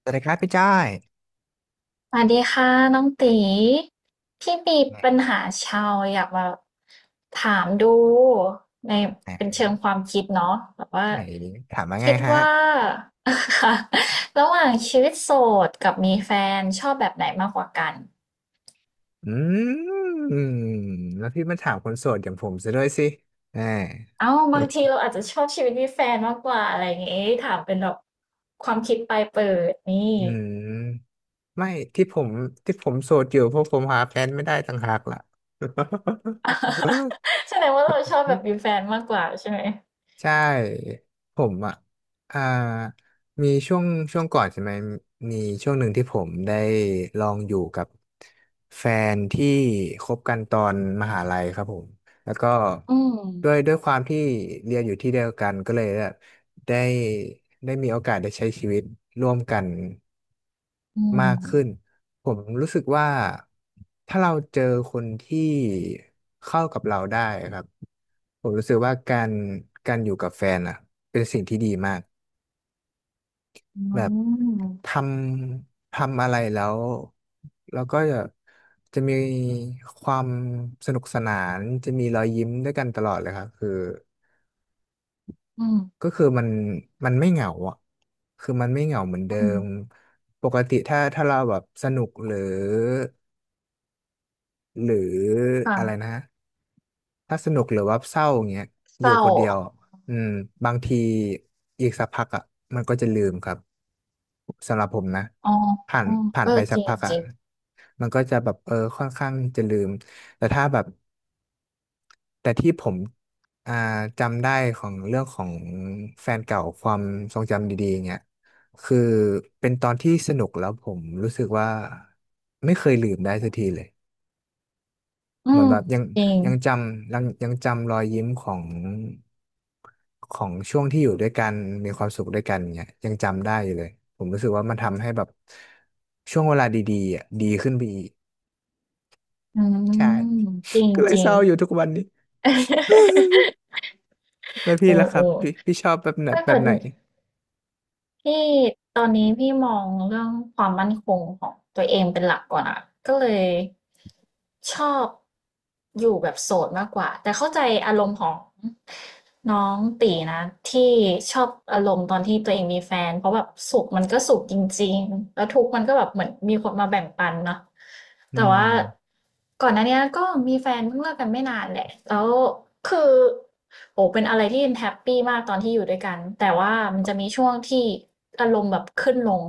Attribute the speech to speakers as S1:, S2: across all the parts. S1: สวัสดีครับพี่จ้อย
S2: สวัสดีค่ะน้องตีพี่มี
S1: ไหน
S2: ปัญหาชาวอยากมาถามดูในเป็นเชิ
S1: ไหน
S2: งความคิดเนาะแบบว่า
S1: ถามว่าไง
S2: คิด
S1: ฮะ
S2: ว่า ค่ะระหว่างชีวิตโสดกับมีแฟนชอบแบบไหนมากกว่ากัน
S1: อืม แล้วพี่มาถามคนโสดอย่างผมซะด้วยสิแหม
S2: เอ้าบางทีเราอาจจะชอบชีวิตมีแฟนมากกว่าอะไรอย่างงี้ถามเป็นแบบความคิดปลายเปิดนี่
S1: อืมไม่ที่ผมที่ผมโสดอยู่เพราะผมหาแฟนไม่ได้ต่างหากล่ะ
S2: แสดงว่าเราชอบแบบ มีแฟนมากกว่าใช่ไหม
S1: ใช่ผมอ่ะอ่ามีช่วงช่วงก่อนใช่ไหม มีช่วงหนึ่งที่ผมได้ลองอยู่กับแฟนที่คบกันตอนมหาลัยครับผม แล้วก็
S2: อืม
S1: ด้วยความที่เรียนอยู่ที่เดียวกันก็เลยแบบได้ได้มีโอกาสได้ใช้ชีวิตร่วมกัน
S2: อื
S1: มากขึ้น
S2: ม
S1: ผมรู้สึกว่าถ้าเราเจอคนที่เข้ากับเราได้ครับผมรู้สึกว่าการอยู่กับแฟนอ่ะเป็นสิ่งที่ดีมาก
S2: อื
S1: แบบท
S2: ม
S1: ทำอะไรแล้วแล้วก็จะมีความสนุกสนานจะมีรอยยิ้มด้วยกันตลอดเลยครับคือ
S2: อื
S1: ก็
S2: ม
S1: คือมันไม่เหงาอ่ะคือมันไม่เหงาเหมือนเดิ
S2: อืม
S1: มปกติถ้าเราแบบสนุกหรือหรืออะไร
S2: ค่ะ
S1: นะ ถ้าสนุกหรือว่าเศร้าอย่างเงี้ยอ
S2: เศ
S1: ยู่
S2: ร้า
S1: คนเดียวอืมบางทีอีกสักพักอ่ะมันก็จะลืมครับสำหรับผมนะ
S2: อ๋อ
S1: ผ่าน
S2: อ๋อ
S1: ผ่า
S2: เอ
S1: น
S2: อ
S1: ไปสั
S2: จ
S1: ก
S2: ริง
S1: พัก
S2: จ
S1: อ่ะ
S2: ริง
S1: มันก็จะแบบเออค่อนข้างจะลืมแต่ถ้าแบบแต่ที่ผมอ่าจำได้ของเรื่องของแฟนเก่าความทรงจำดีๆเงี้ยคือเป็นตอนที่สนุกแล้วผมรู้สึกว่าไม่เคยลืมได้สักทีเลย
S2: อื
S1: เหมือน
S2: ม
S1: แบบยัง
S2: จริง
S1: ยังจำรอยยิ้มของของช่วงที่อยู่ด้วยกันมีความสุขด้วยกันเนี่ยยังจำได้อยู่เลยผมรู้สึกว่ามันทำให้แบบช่วงเวลาดีๆอ่ะดีขึ้นไปอีก
S2: อื
S1: ใช่
S2: มจริง
S1: ก็เล
S2: จ
S1: ย
S2: ริ
S1: เศ
S2: ง
S1: ร้าอยู่ทุกวันนี้แล้วพี่
S2: โอ้
S1: ล่ะครั
S2: โอ้
S1: บพี่ชอบแบบไหน
S2: ถ้า
S1: แบ
S2: เกิ
S1: บ
S2: ด
S1: ไหน
S2: พี่ตอนนี้พี่มองเรื่องความมั่นคงของตัวเองเป็นหลักก่อนอะก็เลย ชอบอยู่แบบโสดมากกว่าแต่เข้าใจอารมณ์ของน้องตีนะที่ชอบอารมณ์ตอนที่ตัวเองมีแฟนเพราะแบบสุขมันก็สุขจริงๆแล้วทุกข์มันก็แบบเหมือนมีคนมาแบ่งปันเนาะ
S1: อื
S2: แต่
S1: ม
S2: ว่าก่อนหน้าเนี้ยก็มีแฟนเพิ่งเลิกกันไม่นานแหละแล้วคือ โอ้เป็นอะไรที่แฮปปี้มากตอนที่อยู่ด้วยกัน แต่ว่ามันจะมีช่วงที่อารมณ์แบบขึ้นลง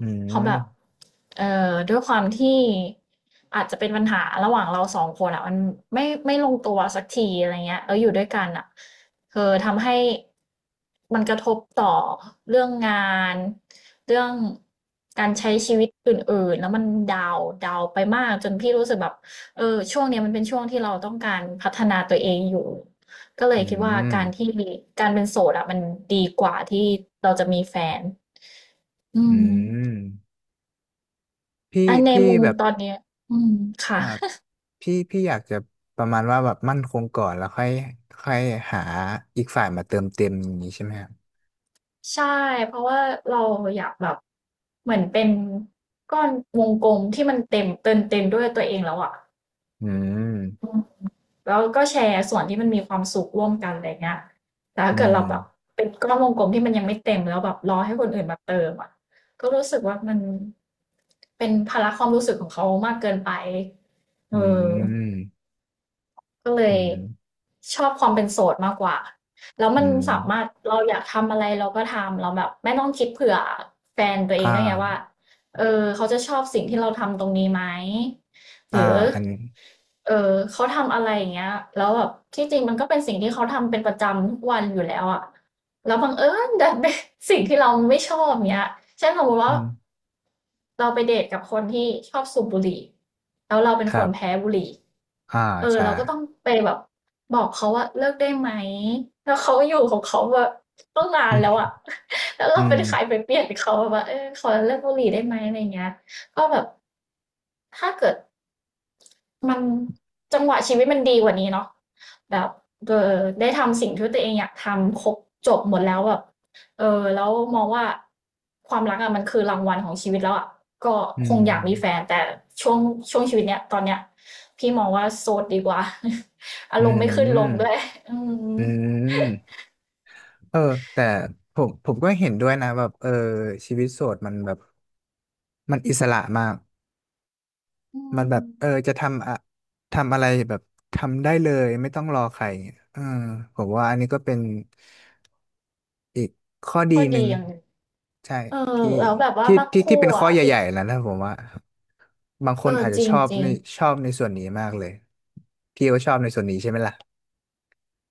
S1: อื
S2: เพราะแบบ
S1: ม
S2: เอ่ด้วยความที่อาจจะเป็นปัญหาระหว่างเราสองคนอะมันไม่ลงตัวสักทีอะไรเงี้ยแล้วอยู่ด้วยกันอะเออทำให้มันกระทบต่อเรื่องงานเรื่องการใช้ชีวิตอื่นๆแล้วมันดาวดาวไปมากจนพี่รู้สึกแบบเออช่วงเนี้ยมันเป็นช่วงที่เราต้องการพัฒนาตัวเองอยู่ ก็เลย
S1: อื
S2: คิดว่า
S1: ม
S2: การเป็นโสดอะมันดีกว่าที่เราจะมีแฟน อื
S1: อื
S2: ม
S1: มพี่
S2: อันใน
S1: พี่
S2: มุม
S1: แบบ
S2: ตอนเนี้ยอืมค่ะ
S1: อ่าพี่อยากจะประมาณว่าแบบมั่นคงก่อนแล้วค่อยค่อยหาอีกฝ่ายมาเติมเต็มอย่างนี้ใช่ไหมครับ
S2: ใช่เพราะว่าเราอยากแบบเหมือนเป็นก้อนวงกลมที่มันเต็มด้วยตัวเองแล้วอะ
S1: อื
S2: อื
S1: ม
S2: มแล้วก็แชร์ส่วนที่มันมีความสุขร่วมกันอะไรเงี้ยแต่ถ้า
S1: อื
S2: เกิด
S1: ม
S2: เราแบบเป็นก้อนวงกลมที่มันยังไม่เต็มแล้วแบบรอให้คนอื่นมาเติมอะก็รู้สึกว่ามันเป็นภาระความรู้สึกของเขามากเกินไปเอ
S1: อื
S2: อ
S1: ม
S2: ก็เล
S1: อื
S2: ย
S1: ม
S2: ชอบความเป็นโสดมากกว่า แล้ว
S1: อื
S2: มัน
S1: ม
S2: สามารถเราอยากทำอะไรเราก็ทำเราแบบไม่ต้องคิดเผื่อแฟนตัวเอ
S1: อ่
S2: งด้วยไงว่า
S1: า
S2: เออเขาจะชอบสิ่งที่เราทำตรงนี้ไหมห
S1: อ่า
S2: รือ
S1: อันนี้
S2: เออเขาทำอะไรอย่างเงี้ยแล้วแบบที่จริงมันก็เป็นสิ่งที่เขาทำเป็นประจำทุกวันอยู่แล้วอะแล้วบังเอิญดันเป็น สิ่งที่เราไม่ชอบเงี้ยเช่นสมมติ
S1: อื
S2: ว่า
S1: ม
S2: เราไปเดทกับคนที่ชอบสูบบุหรี่แล้วเราเป็น
S1: ค
S2: ค
S1: รั
S2: นแพ้
S1: บ
S2: บุหรี่
S1: อ่า
S2: เออ
S1: ใช่
S2: เราก็ต้องไปแบบบอกเขาว่าเลิกได้ไหมแล้วเขาอยู่ของเขาแบบตั้งนานแล้วอะ แล้ว
S1: อื
S2: เรา
S1: ม
S2: เป็นใครไปเปลี่ยนเขาแบบว่าเออขอเลิกบุหรี่ได้ไหมอะไรอย่างเงี้ยก็แบบถ้าเกิด มันจังหวะชีวิตมันดีกว่านี้เนาะแบบเออได้ทำสิ่งที่ตัวเองอยากทำครบจบหมดแล้วแบบเออแล้วมองว่าความรักอะมันคือรางวัลของชีวิตแล้วอะก็
S1: อื
S2: คง
S1: ม
S2: อยากมีแฟนแต่ช่วงช่วงชีวิตเนี้ยตอนเนี้ยพี่มองว่าโสดดีกว่า อา
S1: อื
S2: รมณ์ไม่ขึ้นลงด้
S1: ม
S2: วยอืม
S1: อืมเออแต่ผมก็เห็นด้วยนะแบบเออชีวิตโสดมันแบบมันอิสระมาก
S2: อื
S1: มัน
S2: ม
S1: แบบเออจะทำอะไรแบบทำได้เลยไม่ต้องรอใครเออผมว่าอันนี้ก็เป็นอีกข้อดี
S2: ก็
S1: หนึ่
S2: ดี
S1: ง
S2: อย่างหนึง
S1: ใช่
S2: เออ
S1: ที่
S2: แล้วแบบว่า
S1: ที่
S2: บาง
S1: ที่
S2: คู่
S1: ที่เป็นข้อ
S2: อ่ะ
S1: ให
S2: ที่
S1: ญ่ๆแล้วนะผมว่าบางค
S2: เอ
S1: น
S2: อ
S1: อาจจะ
S2: จริ
S1: ช
S2: ง
S1: อบ
S2: จริ
S1: ใน
S2: ง
S1: ชอบในส่วนนี้มากเลยพี่ก็ชอบในส่วนนี้ใช่ไหมล่ะ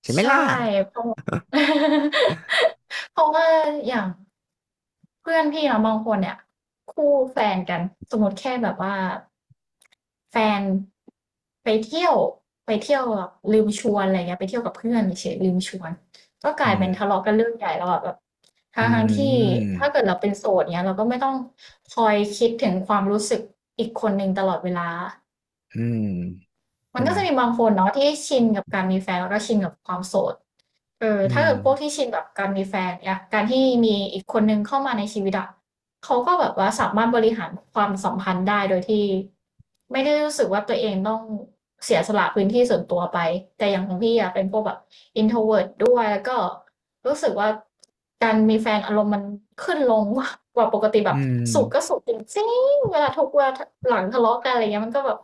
S1: ใช่ไหม
S2: ใช่
S1: ล่ะ
S2: เพราะ เพราะว่าอย่าง เพื่อนพี่เนาะบางคนเนี่ยคู่แฟนกันสมมติแค่แบบว่าแฟนไปเที่ยวไปเที่ยวแบบลืมชวนอะไรเงี้ยไปเที่ยวกับเพื่อนเฉยๆลืมชวนก็ก
S1: อื
S2: ลายเป็นทะ
S1: ม
S2: เลาะกันเรื่องใหญ่แล้วอะแบบทั้
S1: อื
S2: งทที่
S1: ม
S2: ถ้าเกิดเราเป็นโสดเนี้ยเราก็ไม่ต้องคอยคิดถึงความรู้สึกอีกคนหนึ่งตลอดเวลา
S1: อืม
S2: มั
S1: ใช่
S2: นก็
S1: ไหม
S2: จะมีบางคนเนาะที่ชินกับการมีแฟนแล้วก็ชินกับความโสดเออ
S1: อื
S2: ถ้า
S1: ม
S2: เกิดพวกที่ชินกับการมีแฟนเนี่ยการที่มีอีกคนนึงเข้ามาในชีวิตอะเขาก็แบบว่าสามารถบริหารความสัมพันธ์ได้โดยที่ไม่ได้รู้สึกว่าตัวเองต้องเสียสละพื้นที่ส่วนตัวไปแต่อย่างของพี่อะเป็นพวกแบบ introvert ด้วยแล้วก็รู้สึกว่าการมีแฟนอารมณ์มันขึ้นลง กว่าปกติแบ
S1: อื
S2: บ
S1: ม
S2: สุข จริงเวลาทุกเวลาหลังทะเลาะกันอะไรเงี้ยมันก็แบบ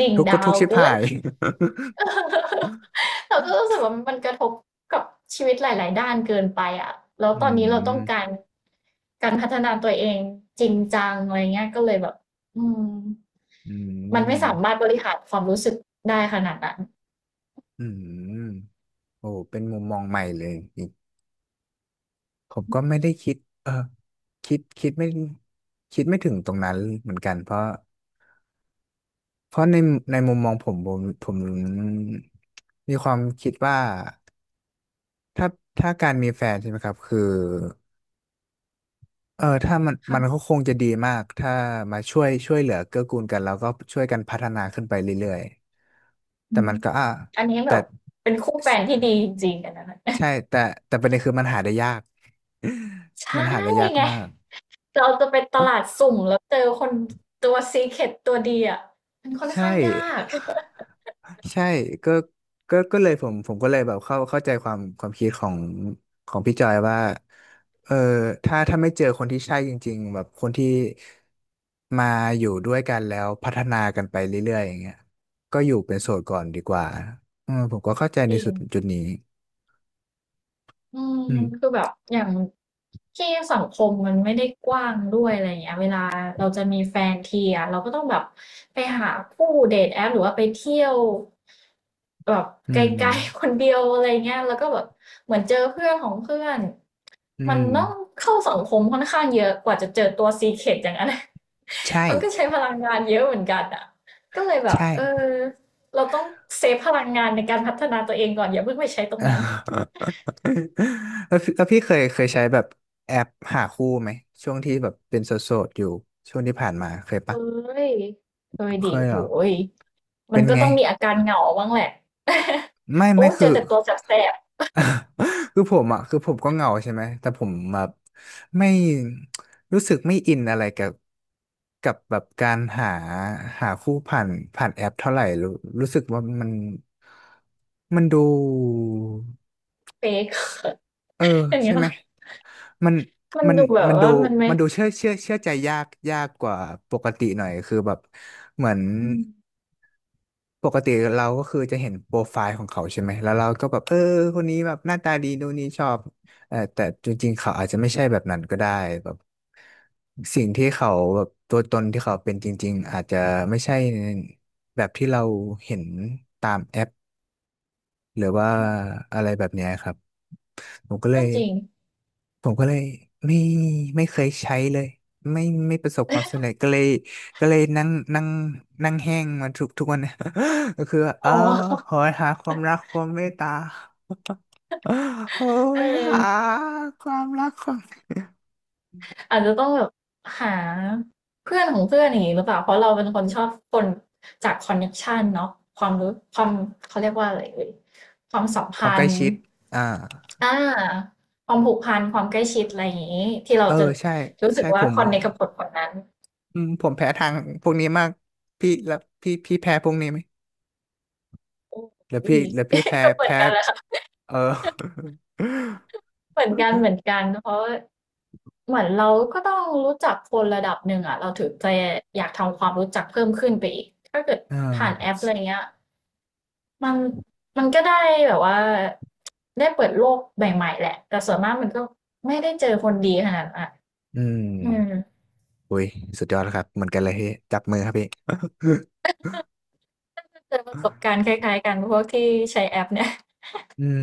S2: ดิ่ง
S1: ทุกข์ก็
S2: ดา
S1: ทุ
S2: ว
S1: กข์ชิบ
S2: เกิ
S1: หา
S2: น
S1: ย
S2: เราก็รู้สึกว่ามันกระทบกับชีวิตหลายๆด้านเกินไปอ่ะแล้ว
S1: อื
S2: ตอนนี้เราต้องกา
S1: ม
S2: รการพัฒนาตัวเองจริงจังอะไรเงี้ยก็เลยแบบอืม
S1: อื
S2: มันไม่สามาร
S1: ม
S2: ถบริหารความรู้สึกได้ขนาดนั้น
S1: อืม โอ้เป็นมุมมองใหม่เลยอีกผมก็ไม่ได้คิดเออคิดคิดไม่คิดไม่ถึงตรงนั้นเหมือนกัน เพราะเพราะในในมุมมองผม มีความคิดว่าถ้าถ้าการมีแฟนใช่ไหมครับ คือเออถ้ามันมัน
S2: ค่ะ
S1: ก็คงจะดีมาก ถ้ามาช่วยเหลือเกื้อกูลกันแล้วก็ช่วยกันพัฒนาขึ้นไปเรื่อยๆ
S2: อื
S1: แต่
S2: ม
S1: มันก็อ่ะ
S2: อันนี้แบ
S1: แต่
S2: บเป็นคู่แฟนที่ดีจริงๆกันนะ
S1: ใช่แต่แต่ประเด็นคือมันหาได้ยาก
S2: ใช่
S1: มันหาได้ยาก
S2: ไง
S1: มาก
S2: เราจะไปตลาดสุ่มแล้วเจอคนตัว Secret ตัวดีอ่ะมันค่อน
S1: ใช่
S2: ข้างยาก
S1: ใช่ก็ก็เลยผมก็เลยแบบเข้าใจความคิดของของพี่จอยว่าเออถ้าถ้าไม่เจอคนที่ใช่จริงๆแบบคนที่มาอยู่ด้วยกันแล้วพัฒนากันไปเรื่อยๆอย่างเงี้ยก็อยู่เป็นโสดก่อนดีกว่าอืมผมก็เข้าใจ
S2: จ
S1: ใน
S2: ริ
S1: สุ
S2: ง
S1: ดจุดนี้
S2: อืม
S1: อืม
S2: คือแบบอย่างที่สังคมมันไม่ได้กว้างด้วยอะไรอย่างเงี้ยเวลาเราจะมีแฟนทีอ่ะเราก็ต้องแบบไปหาคู่เดทแอปหรือว่าไปเที่ยวแบบ
S1: อื
S2: ไก
S1: ม
S2: ลๆ คนเดียวอะไรเงี้ยแล้วก็แบบเหมือนเจอเพื่อนของเพื่อน
S1: อื
S2: มัน
S1: ม
S2: ต้องเข้าสังคมค่อนข้างเยอะกว่าจะเจอตัว Secret อย่างนั้น
S1: ใช่
S2: มันก็ใช้พลังงานเยอะเหมือนกันอ่ะก็เลยแบ
S1: ใ
S2: บเออ
S1: ช่
S2: เราต้องเซฟพลังงานในการพัฒนาตัวเองก่อนอย่าเพิ่งไปใช้ตรงนั้น
S1: แล้วพี่แล้วพี่เคยใช้แบบแอปหาคู่ไหมช่วงที่แบบเป็นโสดๆอยู่ช่วงที่ผ่านมาเคยปะ
S2: เอ้ยเอ้ย
S1: เค
S2: ดิ
S1: ยเห
S2: โห
S1: รอ
S2: ยมั
S1: เป็
S2: น
S1: น
S2: ก็
S1: ไง
S2: ต้องมีอาการเหงาบ้างแหละ
S1: ไม่
S2: โอ้
S1: ไม่
S2: เจอ
S1: คือ
S2: แต่ตัวแสบ
S1: คือผมอ่ะคือผมก็เหงาใช่ไหมแต่ผมแบบไม่รู้สึกไม่อินอะไรกับกับแบบการหาคู่ผ่านผ่านแอปเท่าไหร่รู้สึกว่ามันมันดู
S2: ๆเฟก
S1: เออ
S2: อย่างเงี้
S1: ใช่
S2: ย
S1: ไหม มัน
S2: มัน
S1: มัน
S2: ดูแบบ
S1: มัน
S2: ว่ามันไม่
S1: มันดูเชื่อใจยากกว่าปกติหน่อยคือแบบเหมือน
S2: อืม
S1: ปกติเราก็คือจะเห็นโปรไฟล์ของเขาใช่ไหมแล้วเราก็แบบเออคนนี้แบบหน้าตาดีดูนนี้ชอบเออแต่จริงๆเขาอาจจะไม่ใช่แบบนั้นก็ได้แบบสิ่งที่เขาแบบตัวตนที่เขาเป็นจริงๆอาจจะไม่ใช่แบบที่เราเห็นตามแอปหรือว่าอะไรแบบเนี้ยครับผมก็เล
S2: ก็
S1: ย
S2: จริง
S1: ผมก็เลยไม่ไม่เคยใช้เลยไม่ไม่ประสบความสำเร็จก็เลยก็เลยนั่งนั่งนั่งแห้งมาทุกทุกวันนะ ก็คือว่าเอ
S2: อ๋
S1: อ
S2: อ
S1: หอยหาความรักความเมตตา โห
S2: เ
S1: ยหา
S2: ออ
S1: ความรักความ
S2: อาจจะต้องแบบหาเพื่อนของเพื่อนอย่างนี้หรือเปล่าเพราะเราเป็นคนชอบคนจากคอนเนคชันเนาะความรู้ความเขาเรียกว่าอะไรเอ่ยความสัม
S1: ควา
S2: พั
S1: มใกล้
S2: นธ์
S1: ชิดอ่า
S2: อ่าความผูกพันความใกล้ชิดอะไรอย่างงี้ที่เรา
S1: เออ
S2: จะ
S1: ใช่
S2: รู้สึ
S1: ใช่
S2: ก
S1: ผ
S2: ว่า
S1: ม
S2: คอนเนคกับคนคนนั้น
S1: อืมผมแพ้ทางพวกนี้มากพี่แล้วพี่แพ้พวกนี้ไหม
S2: โอ้
S1: แล้วพี่
S2: ย
S1: แล้วพี่แพ้
S2: ก็เหมือน
S1: แพ้
S2: กันแหละค่ะ
S1: เออ
S2: เหมือนกันเหมือนกันเพราะเหมือนเราก็ต้องรู้จักคนระดับหนึ่งอ่ะเราถึงจะอยากทำความรู้จักเพิ่มขึ้นไปอีกถ้าเกิด
S1: อ่
S2: ผ่านแอป
S1: า
S2: อะไรเงี้ย มันมันก็ได้แบบว่าได้เปิดโลกใหม่ๆแหละแต่ส่วนมากมันก็ไม่ได้เจอคนดีขนาดนั้นอะ
S1: อืม
S2: อืม
S1: อุ้ยสุดยอดแล้วครับเหมือนกันเลยพี่จับมือครับพี่
S2: ก็เจอประสบการณ์คล้ายๆกันพวกที่ใช้แอปเนี่ย
S1: อืม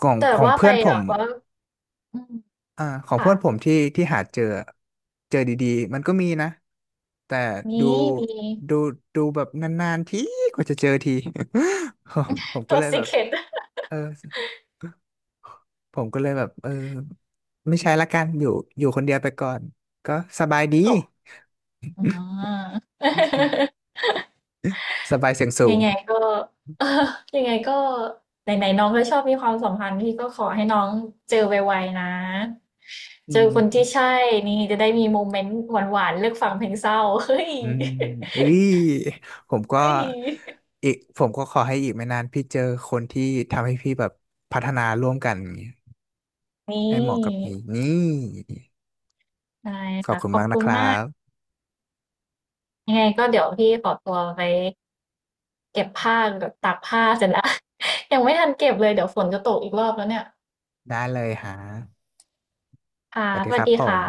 S1: ของ
S2: แต่
S1: ของ
S2: ว่าไป
S1: เพื่อนผ
S2: แบ
S1: ม
S2: บว่าอืม
S1: อ่าของ
S2: ค่ะ
S1: เพื่อนผมที่ที่หาเจอเจอดีๆมันก็มีนะแต่ดู
S2: มีมี
S1: ดูดูแบบนานๆทีกว่าจะเจอที ผมก็
S2: ตัว
S1: เลยแบบ
S2: Secret
S1: เออผมก็เลยแบบเออไม่ใช้ละกันอยู่คนเดียวไปก่อนก็สบายดี
S2: ขอบอ่า
S1: สบายเสียงสู
S2: ยั
S1: ง
S2: งไงก็ เออยังไงก็ไหนๆน้องก็ชอบมีความสัมพันธ์พี่ก็ขอให้น้องเจอไวๆนะเจ
S1: อื
S2: อ
S1: ม
S2: คนที่ใช่นี่จะได้มีโมเมนต์หวานๆเลือกฟังเพลงเศร้า เฮ้ย
S1: อืมเอ้ยผมก็
S2: เฮ้ย
S1: อีกผมก็ขอให้อีกไม่นานพี่เจอคนที่ทำให้พี่แบบพัฒนาร่วมกันอย่างเงี้ย
S2: นี่
S1: ให้เหมาะกับพี่นี่
S2: ได้
S1: ขอบ
S2: ค่ะ
S1: คุณ
S2: ขอบ
S1: มากนะ
S2: คุณ
S1: ครั
S2: มาก
S1: บ
S2: ยังไงก็เดี๋ยวพี่ขอตัวไปเก็บผ้ากับตากผ้าเสร็จแล้ว ยังไม่ทันเก็บเลยเดี๋ยวฝนจะตกอีกรอบแล้วเนี่ย
S1: ได้เลยฮะ
S2: ค่ะ
S1: สวัส
S2: ส
S1: ดีค
S2: วัส
S1: รับ
S2: ดี
S1: ผ
S2: ค่ะ
S1: ม